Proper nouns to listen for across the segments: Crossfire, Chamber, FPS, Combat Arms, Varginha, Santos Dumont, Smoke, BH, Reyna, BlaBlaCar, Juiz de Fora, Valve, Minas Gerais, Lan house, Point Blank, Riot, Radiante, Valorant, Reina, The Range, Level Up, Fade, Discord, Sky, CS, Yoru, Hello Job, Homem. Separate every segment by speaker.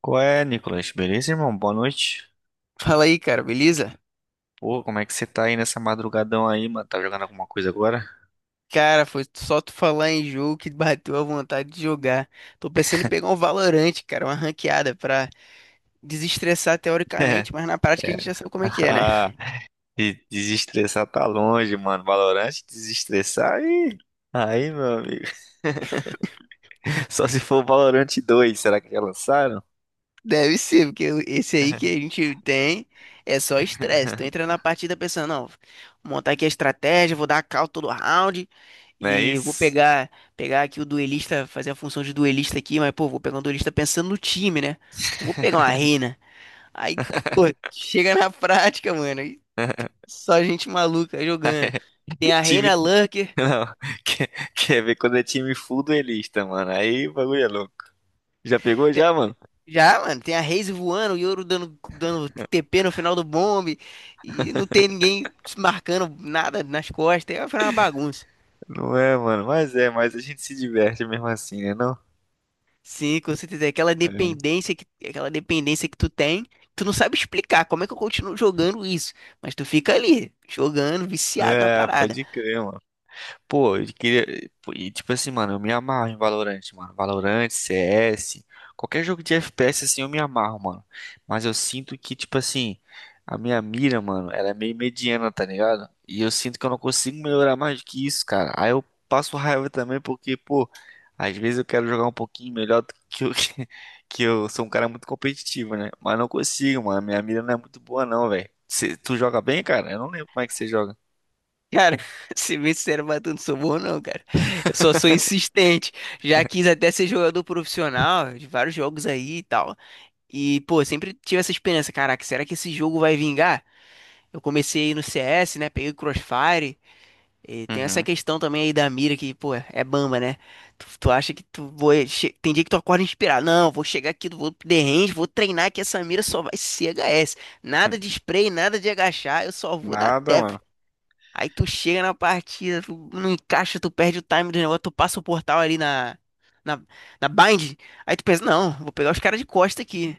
Speaker 1: Qual é, Nicolas? Beleza, irmão? Boa noite.
Speaker 2: Fala aí, cara, beleza?
Speaker 1: Pô, como é que você tá aí nessa madrugadão aí, mano? Tá jogando alguma coisa agora?
Speaker 2: Cara, foi só tu falar em jogo que bateu a vontade de jogar. Tô pensando em pegar um Valorante, cara, uma ranqueada pra desestressar teoricamente, mas na prática a
Speaker 1: É.
Speaker 2: gente já sabe como é que é, né?
Speaker 1: Ah, e desestressar tá longe, mano. Valorant, desestressar aí. Aí, meu amigo. Só se for Valorant dois, será que já lançaram?
Speaker 2: Deve ser, porque esse aí que a gente tem é só estresse. Tu entra na partida pensando, não, vou montar aqui a estratégia, vou dar a call todo round
Speaker 1: Não é
Speaker 2: e vou
Speaker 1: isso?
Speaker 2: pegar aqui o duelista, fazer a função de duelista aqui, mas pô, vou pegar um duelista pensando no time, né? Não vou pegar uma reina. Aí, pô, chega na prática, mano, e só gente maluca jogando. Tem a
Speaker 1: Time.
Speaker 2: Reina Lurker,
Speaker 1: Não. Quer, quer ver quando é time full duelista, mano? Aí o bagulho é louco. Já pegou
Speaker 2: te-
Speaker 1: já, mano?
Speaker 2: já, mano, tem a Raze voando, o Yoru dando TP no final do bombe, e não tem ninguém marcando nada nas costas, é uma bagunça.
Speaker 1: Não é, mano. Mas é, mas a gente se diverte mesmo assim, né, não?
Speaker 2: Sim, com certeza, é aquela
Speaker 1: É.
Speaker 2: dependência que tu tem, tu não sabe explicar como é que eu continuo jogando isso, mas tu fica ali, jogando, viciado na
Speaker 1: É,
Speaker 2: parada.
Speaker 1: pode crer, mano. Pô, eu queria. Pô, e tipo assim, mano, eu me amarro em Valorant, mano. Valorant, CS, qualquer jogo de FPS assim eu me amarro, mano. Mas eu sinto que, tipo assim, a minha mira, mano, ela é meio mediana, tá ligado? E eu sinto que eu não consigo melhorar mais do que isso, cara. Aí eu passo raiva também porque, pô, às vezes eu quero jogar um pouquinho melhor do que eu, que eu sou um cara muito competitivo, né? Mas não consigo, mano. Minha mira não é muito boa, não, velho. Tu joga bem, cara? Eu não lembro como é que você joga.
Speaker 2: Cara, se bem sincero, mas eu não sou bom não, cara. Eu só sou insistente. Já quis até ser jogador profissional de vários jogos aí e tal. E, pô, sempre tive essa esperança, caraca, será que esse jogo vai vingar? Eu comecei no CS, né? Peguei o Crossfire. E tem essa
Speaker 1: Uhum.
Speaker 2: questão também aí da mira que, pô, é bamba, né? Tu acha que tu vai... Tem dia que tu acorda inspirado. Não, vou chegar aqui, vou pro The Range, vou treinar que essa mira só vai ser H S. Nada de spray, nada de agachar, eu só vou dar
Speaker 1: Nada,
Speaker 2: tap.
Speaker 1: mano.
Speaker 2: Aí tu chega na partida, tu não encaixa, tu perde o time do negócio, tu passa o portal ali na, na bind. Aí tu pensa, não, vou pegar os caras de costa aqui.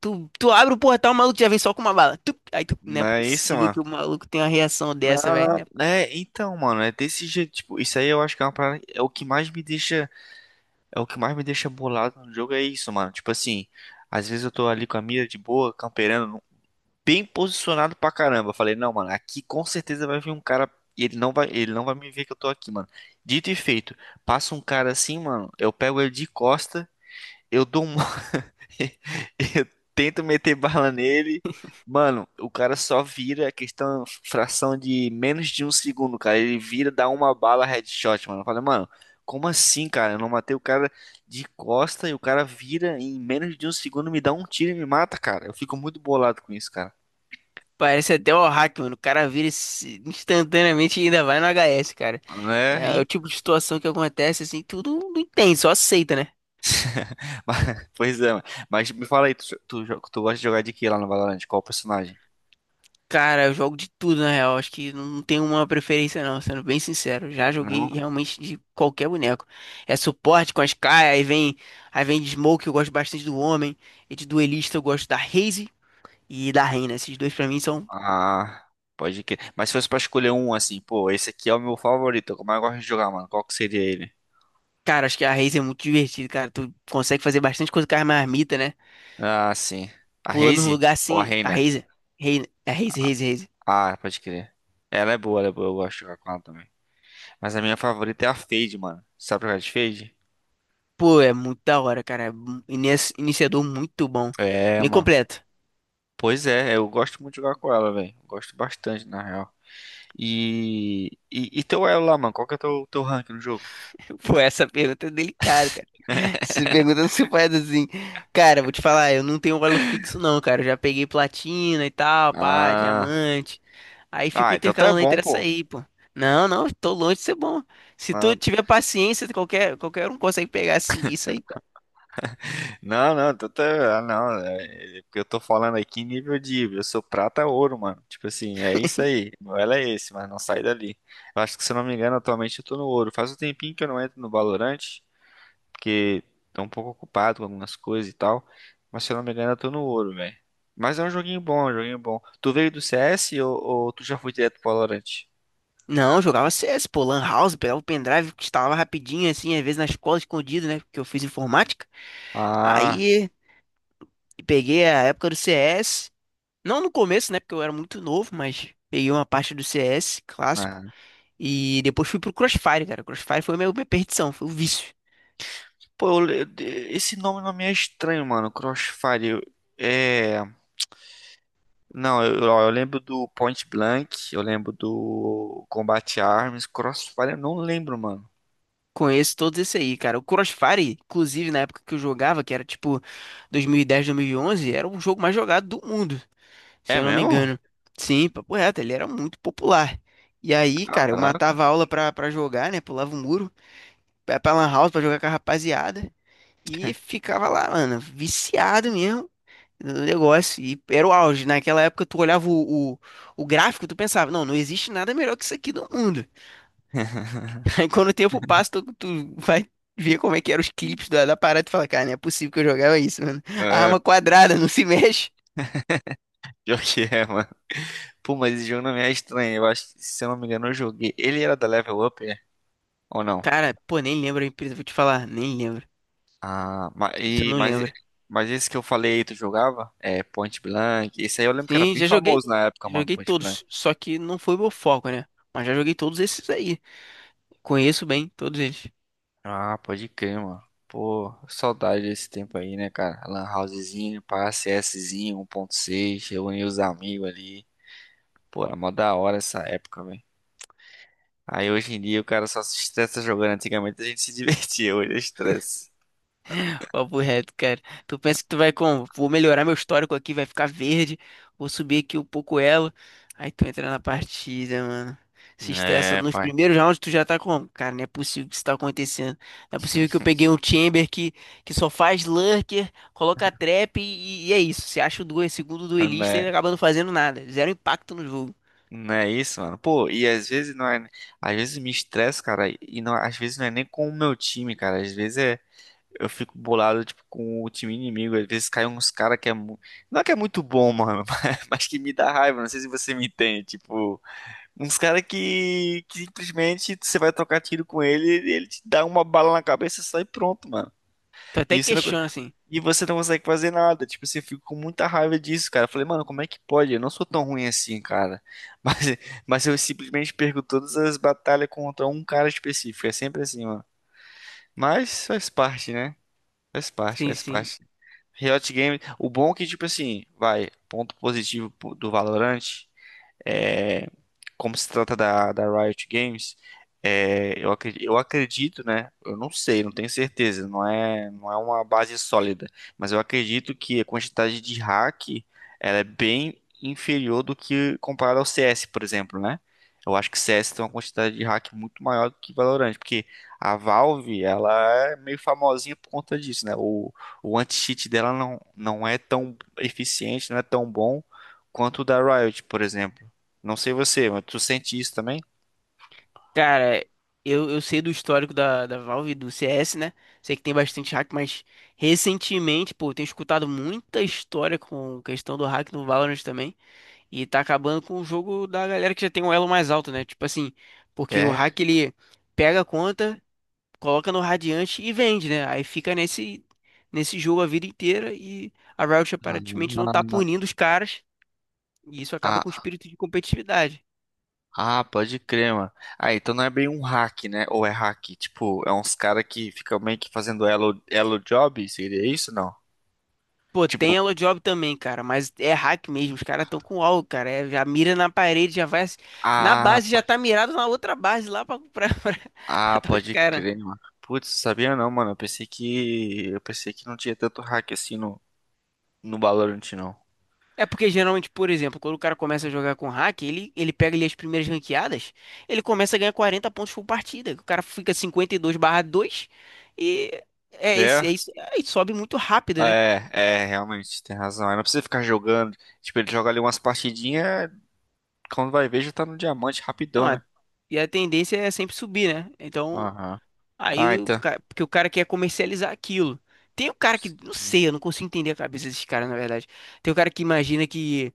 Speaker 2: Tu abre o portal, o maluco já vem só com uma bala. Tup! Aí tu, não
Speaker 1: Não
Speaker 2: é
Speaker 1: é isso,
Speaker 2: possível
Speaker 1: mano.
Speaker 2: que o maluco tenha uma reação dessa, velho,
Speaker 1: Não,
Speaker 2: né?
Speaker 1: é, então, mano, é desse jeito, tipo, isso aí eu acho que é uma parada, é o que mais me deixa, é o que mais me deixa bolado no jogo, é isso, mano. Tipo assim, às vezes eu tô ali com a mira de boa, camperando, bem posicionado pra caramba. Eu falei, não, mano, aqui com certeza vai vir um cara e ele não vai me ver que eu tô aqui, mano. Dito e feito, passa um cara assim, mano, eu pego ele de costa, eu dou um eu tento meter bala nele. Mano, o cara só vira questão, fração de menos de um segundo, cara. Ele vira, dá uma bala headshot, mano. Eu falei, mano, como assim, cara? Eu não matei o cara de costa e o cara vira em menos de um segundo, me dá um tiro e me mata, cara. Eu fico muito bolado com isso, cara.
Speaker 2: Parece até o hack, mano. O cara vira instantaneamente e ainda vai no HS, cara.
Speaker 1: Né?
Speaker 2: É, é o
Speaker 1: Hein?
Speaker 2: tipo de situação que acontece, assim, tu não entende, só aceita, né?
Speaker 1: Pois é, mano. Mas me fala aí, tu gosta de jogar de que lá no Valorant? Qual personagem?
Speaker 2: Cara, eu jogo de tudo, na real. Acho que não tem uma preferência, não, sendo bem sincero. Já joguei
Speaker 1: Não?
Speaker 2: realmente de qualquer boneco. É suporte com a Sky, aí vem de Smoke, eu gosto bastante do Homem. E de duelista eu gosto da Raze e da Reyna. Esses dois pra mim são.
Speaker 1: Ah, pode que. Mas se fosse pra escolher um assim, pô, esse aqui é o meu favorito, como eu gosto de jogar, mano. Qual que seria ele?
Speaker 2: Cara, acho que a Raze é muito divertida, cara. Tu consegue fazer bastante coisa com a marmita, né?
Speaker 1: Ah, sim. A
Speaker 2: Pula num
Speaker 1: Raze
Speaker 2: lugar
Speaker 1: ou a
Speaker 2: assim. A
Speaker 1: Reina?
Speaker 2: Raze. É Raze, Raze, Raze.
Speaker 1: Ah, pode crer. Ela é boa, eu gosto de jogar com ela também. Mas a minha favorita é a Fade, mano. Sabe jogar de Fade?
Speaker 2: Pô, é muito da hora, cara. É um iniciador muito bom.
Speaker 1: É,
Speaker 2: Bem
Speaker 1: mano.
Speaker 2: completo.
Speaker 1: Pois é, eu gosto muito de jogar com ela, velho. Gosto bastante, na real. E teu elo lá, mano? Qual que é teu rank no jogo?
Speaker 2: Pô, essa pergunta é delicada, cara. Se perguntando se faz assim. Cara, vou te falar, eu não tenho valor fixo, não, cara. Eu já peguei platina e tal, pá,
Speaker 1: Ah.
Speaker 2: diamante. Aí fico
Speaker 1: Ah, então tu é
Speaker 2: intercalando
Speaker 1: bom,
Speaker 2: entre essa
Speaker 1: pô.
Speaker 2: aí, pô. Não, não, tô longe de ser bom. Se
Speaker 1: Ah.
Speaker 2: tu tiver paciência, qualquer um consegue pegar assim, isso aí, cara.
Speaker 1: Não, não, tô, tô- ah, não, é, é porque eu tô falando aqui em nível de, eu sou prata ouro, mano. Tipo assim, é isso aí. Meu elo é esse, mas não sai dali. Eu acho que se eu não me engano, atualmente eu tô no ouro. Faz um tempinho que eu não entro no Valorant, porque tô um pouco ocupado com algumas coisas e tal. Mas se eu não me engano, eu tô no ouro, velho. Mas é um joguinho bom, é um joguinho bom. Tu veio do CS ou tu já foi direto pro Valorant?
Speaker 2: Não, eu jogava CS, pô, Lan House, pegava o pendrive, instalava rapidinho, assim, às vezes na escola escondido, né? Porque eu fiz informática.
Speaker 1: Ah,
Speaker 2: Aí peguei a época do CS. Não no começo, né? Porque eu era muito novo, mas peguei uma parte do CS clássico.
Speaker 1: ah.
Speaker 2: E depois fui pro Crossfire, cara. Crossfire foi minha perdição, foi o vício.
Speaker 1: Pô, esse nome não me é estranho, mano. É. Não, eu, ó, eu lembro do Point Blank, eu lembro do Combat Arms, Crossfire, eu não lembro, mano.
Speaker 2: Conheço todos esse aí, cara. O Crossfire, inclusive na época que eu jogava, que era tipo 2010, 2011, era o jogo mais jogado do mundo, se
Speaker 1: É
Speaker 2: eu não me
Speaker 1: mesmo?
Speaker 2: engano. Sim, papo reto, ele era muito popular. E aí, cara, eu
Speaker 1: Caraca.
Speaker 2: matava a aula pra jogar, né? Pulava o muro, ia pra Lan House pra jogar com a rapaziada. E ficava lá, mano, viciado mesmo no negócio. E era o auge, né? Naquela época, tu olhava o gráfico, tu pensava, não, não existe nada melhor que isso aqui no mundo. Aí quando o tempo passa, tu vai ver como é que eram os clipes da parada e tu fala, cara, não é possível que eu jogava isso, mano. A
Speaker 1: É,
Speaker 2: arma quadrada, não se mexe.
Speaker 1: pior que é, mano. Pô, mas esse jogo não me é estranho. Eu acho que, se eu não me engano, eu joguei. Ele era da Level Up, é? Ou não?
Speaker 2: Cara, pô, nem lembro a empresa, vou te falar, nem lembro.
Speaker 1: Ah, ma-
Speaker 2: Isso eu
Speaker 1: e-
Speaker 2: não
Speaker 1: mas,
Speaker 2: lembro.
Speaker 1: esse que eu falei, tu jogava? É, Point Blank. Esse aí eu lembro que era
Speaker 2: Sim,
Speaker 1: bem
Speaker 2: já joguei,
Speaker 1: famoso na época, mano,
Speaker 2: joguei
Speaker 1: Point Blank.
Speaker 2: todos, só que não foi meu foco, né? Mas já joguei todos esses aí. Conheço bem todos eles.
Speaker 1: Ah, pode crer, mano. Pô, saudade desse tempo aí, né, cara? Lan housezinho, pá, CSzinho, 1.6, reunir os amigos ali. Pô, era mó da hora essa época, velho. Aí hoje em dia o cara só se estressa jogando. Antigamente a gente se divertia, hoje é estresse.
Speaker 2: Papo reto, cara. Tu pensa que tu vai como? Vou melhorar meu histórico aqui, vai ficar verde. Vou subir aqui um pouco elo. Aí tu entra na partida, mano. Se estressa
Speaker 1: É,
Speaker 2: nos
Speaker 1: pai.
Speaker 2: primeiros rounds, tu já tá como? Cara, não é possível que isso tá acontecendo. Não é possível que eu peguei um Chamber que só faz lurker, coloca trap e é isso. Você acha o duel, segundo
Speaker 1: Não
Speaker 2: duelista
Speaker 1: é,
Speaker 2: e acaba não fazendo nada. Zero impacto no jogo.
Speaker 1: não é isso, mano. Pô, e às vezes não é. Às vezes me estresso, cara, e não, às vezes não é nem com o meu time, cara. Às vezes é. Eu fico bolado, tipo, com o time inimigo. Às vezes caem uns cara que é. Mu- Não é que é muito bom, mano, mas que me dá raiva. Não sei se você me entende. Tipo, uns cara que simplesmente você vai trocar tiro com ele, ele te dá uma bala na cabeça e sai pronto, mano.
Speaker 2: Tu até
Speaker 1: E você não,
Speaker 2: questiona, assim.
Speaker 1: e você não consegue fazer nada. Tipo, assim, eu fico com muita raiva disso, cara. Eu falei, mano, como é que pode? Eu não sou tão ruim assim, cara. Mas, mas eu simplesmente perco todas as batalhas contra um cara específico. É sempre assim, mano. Mas faz parte, né? Faz parte,
Speaker 2: Sim,
Speaker 1: faz
Speaker 2: sim.
Speaker 1: parte. Riot Games, o bom é que, tipo assim, vai, ponto positivo do Valorant, é, como se trata da Riot Games, é, né? Eu não sei, não tenho certeza, não é uma base sólida, mas eu acredito que a quantidade de hack ela é bem inferior do que comparado ao CS, por exemplo, né? Eu acho que CS tem uma quantidade de hack muito maior do que Valorant, porque a Valve, ela é meio famosinha por conta disso, né? O anti-cheat dela não é tão eficiente, não é tão bom quanto o da Riot, por exemplo. Não sei você, mas tu sente isso também?
Speaker 2: Cara, eu sei do histórico da Valve e do CS, né? Sei que tem bastante hack, mas recentemente, pô, eu tenho escutado muita história com questão do hack no Valorant também. E tá acabando com o jogo da galera que já tem um elo mais alto, né? Tipo assim, porque o
Speaker 1: É.
Speaker 2: hack ele pega a conta, coloca no Radiante e vende, né? Aí fica nesse jogo a vida inteira e a Riot
Speaker 1: Ah,
Speaker 2: aparentemente não tá punindo os caras. E isso acaba com o
Speaker 1: ah,
Speaker 2: espírito de competitividade.
Speaker 1: pode crer, mano. Ah, então não é bem um hack, né? Ou é hack? Tipo, é uns cara que ficam meio que fazendo elo, elo job? Seria isso, não?
Speaker 2: Pô, tem Hello Job também, cara, mas é hack mesmo, os caras estão com algo, cara, é, já mira na parede, já vai, na
Speaker 1: Ah,
Speaker 2: base já
Speaker 1: pode.
Speaker 2: tá mirado na outra base lá pra
Speaker 1: Ah,
Speaker 2: matar os
Speaker 1: pode
Speaker 2: caras.
Speaker 1: crer, mano. Putz, sabia não, mano. Eu pensei que. Eu pensei que não tinha tanto hack assim no, no Valorant, não.
Speaker 2: É porque geralmente, por exemplo, quando o cara começa a jogar com hack, ele pega ali as primeiras ranqueadas, ele começa a ganhar 40 pontos por partida, o cara fica 52/2 e é isso,
Speaker 1: É?
Speaker 2: é isso, aí sobe muito rápido, né?
Speaker 1: É, realmente, tem razão. Aí não precisa ficar jogando. Tipo, ele joga ali umas partidinhas, quando vai ver, já tá no diamante
Speaker 2: Então,
Speaker 1: rapidão, né?
Speaker 2: e a tendência é sempre subir, né? Então,
Speaker 1: Aham. Ai,
Speaker 2: aí,
Speaker 1: tá.
Speaker 2: porque o cara quer comercializar aquilo. Tem o cara que, não sei, eu não consigo entender a cabeça desses caras, na verdade. Tem o cara que imagina que,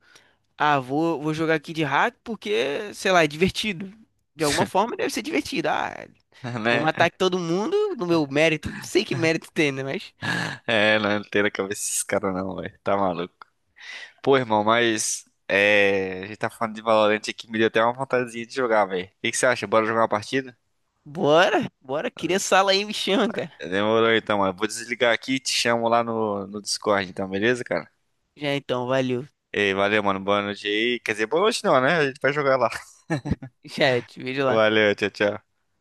Speaker 2: ah, vou jogar aqui de hack porque, sei lá, é divertido. De alguma forma deve ser divertido. Ah, vou
Speaker 1: Né?
Speaker 2: matar aqui todo mundo no meu mérito. Não sei que mérito tem, né? Mas
Speaker 1: É, não tem na cabeça esses caras não, velho. Tá maluco. Pô, irmão, mas. É. A gente tá falando de Valorant aqui, me deu até uma vontadezinha de jogar, velho. O que que você acha? Bora jogar uma partida?
Speaker 2: bora, cria sala aí, me chama, cara.
Speaker 1: Demorou então, mano. Vou desligar aqui e te chamo lá no Discord, então, beleza, cara?
Speaker 2: Já então, valeu.
Speaker 1: Ei, valeu, mano. Boa noite aí. Quer dizer, boa noite não, né? A gente vai jogar lá.
Speaker 2: Já, te vejo lá.
Speaker 1: Valeu, tchau, tchau.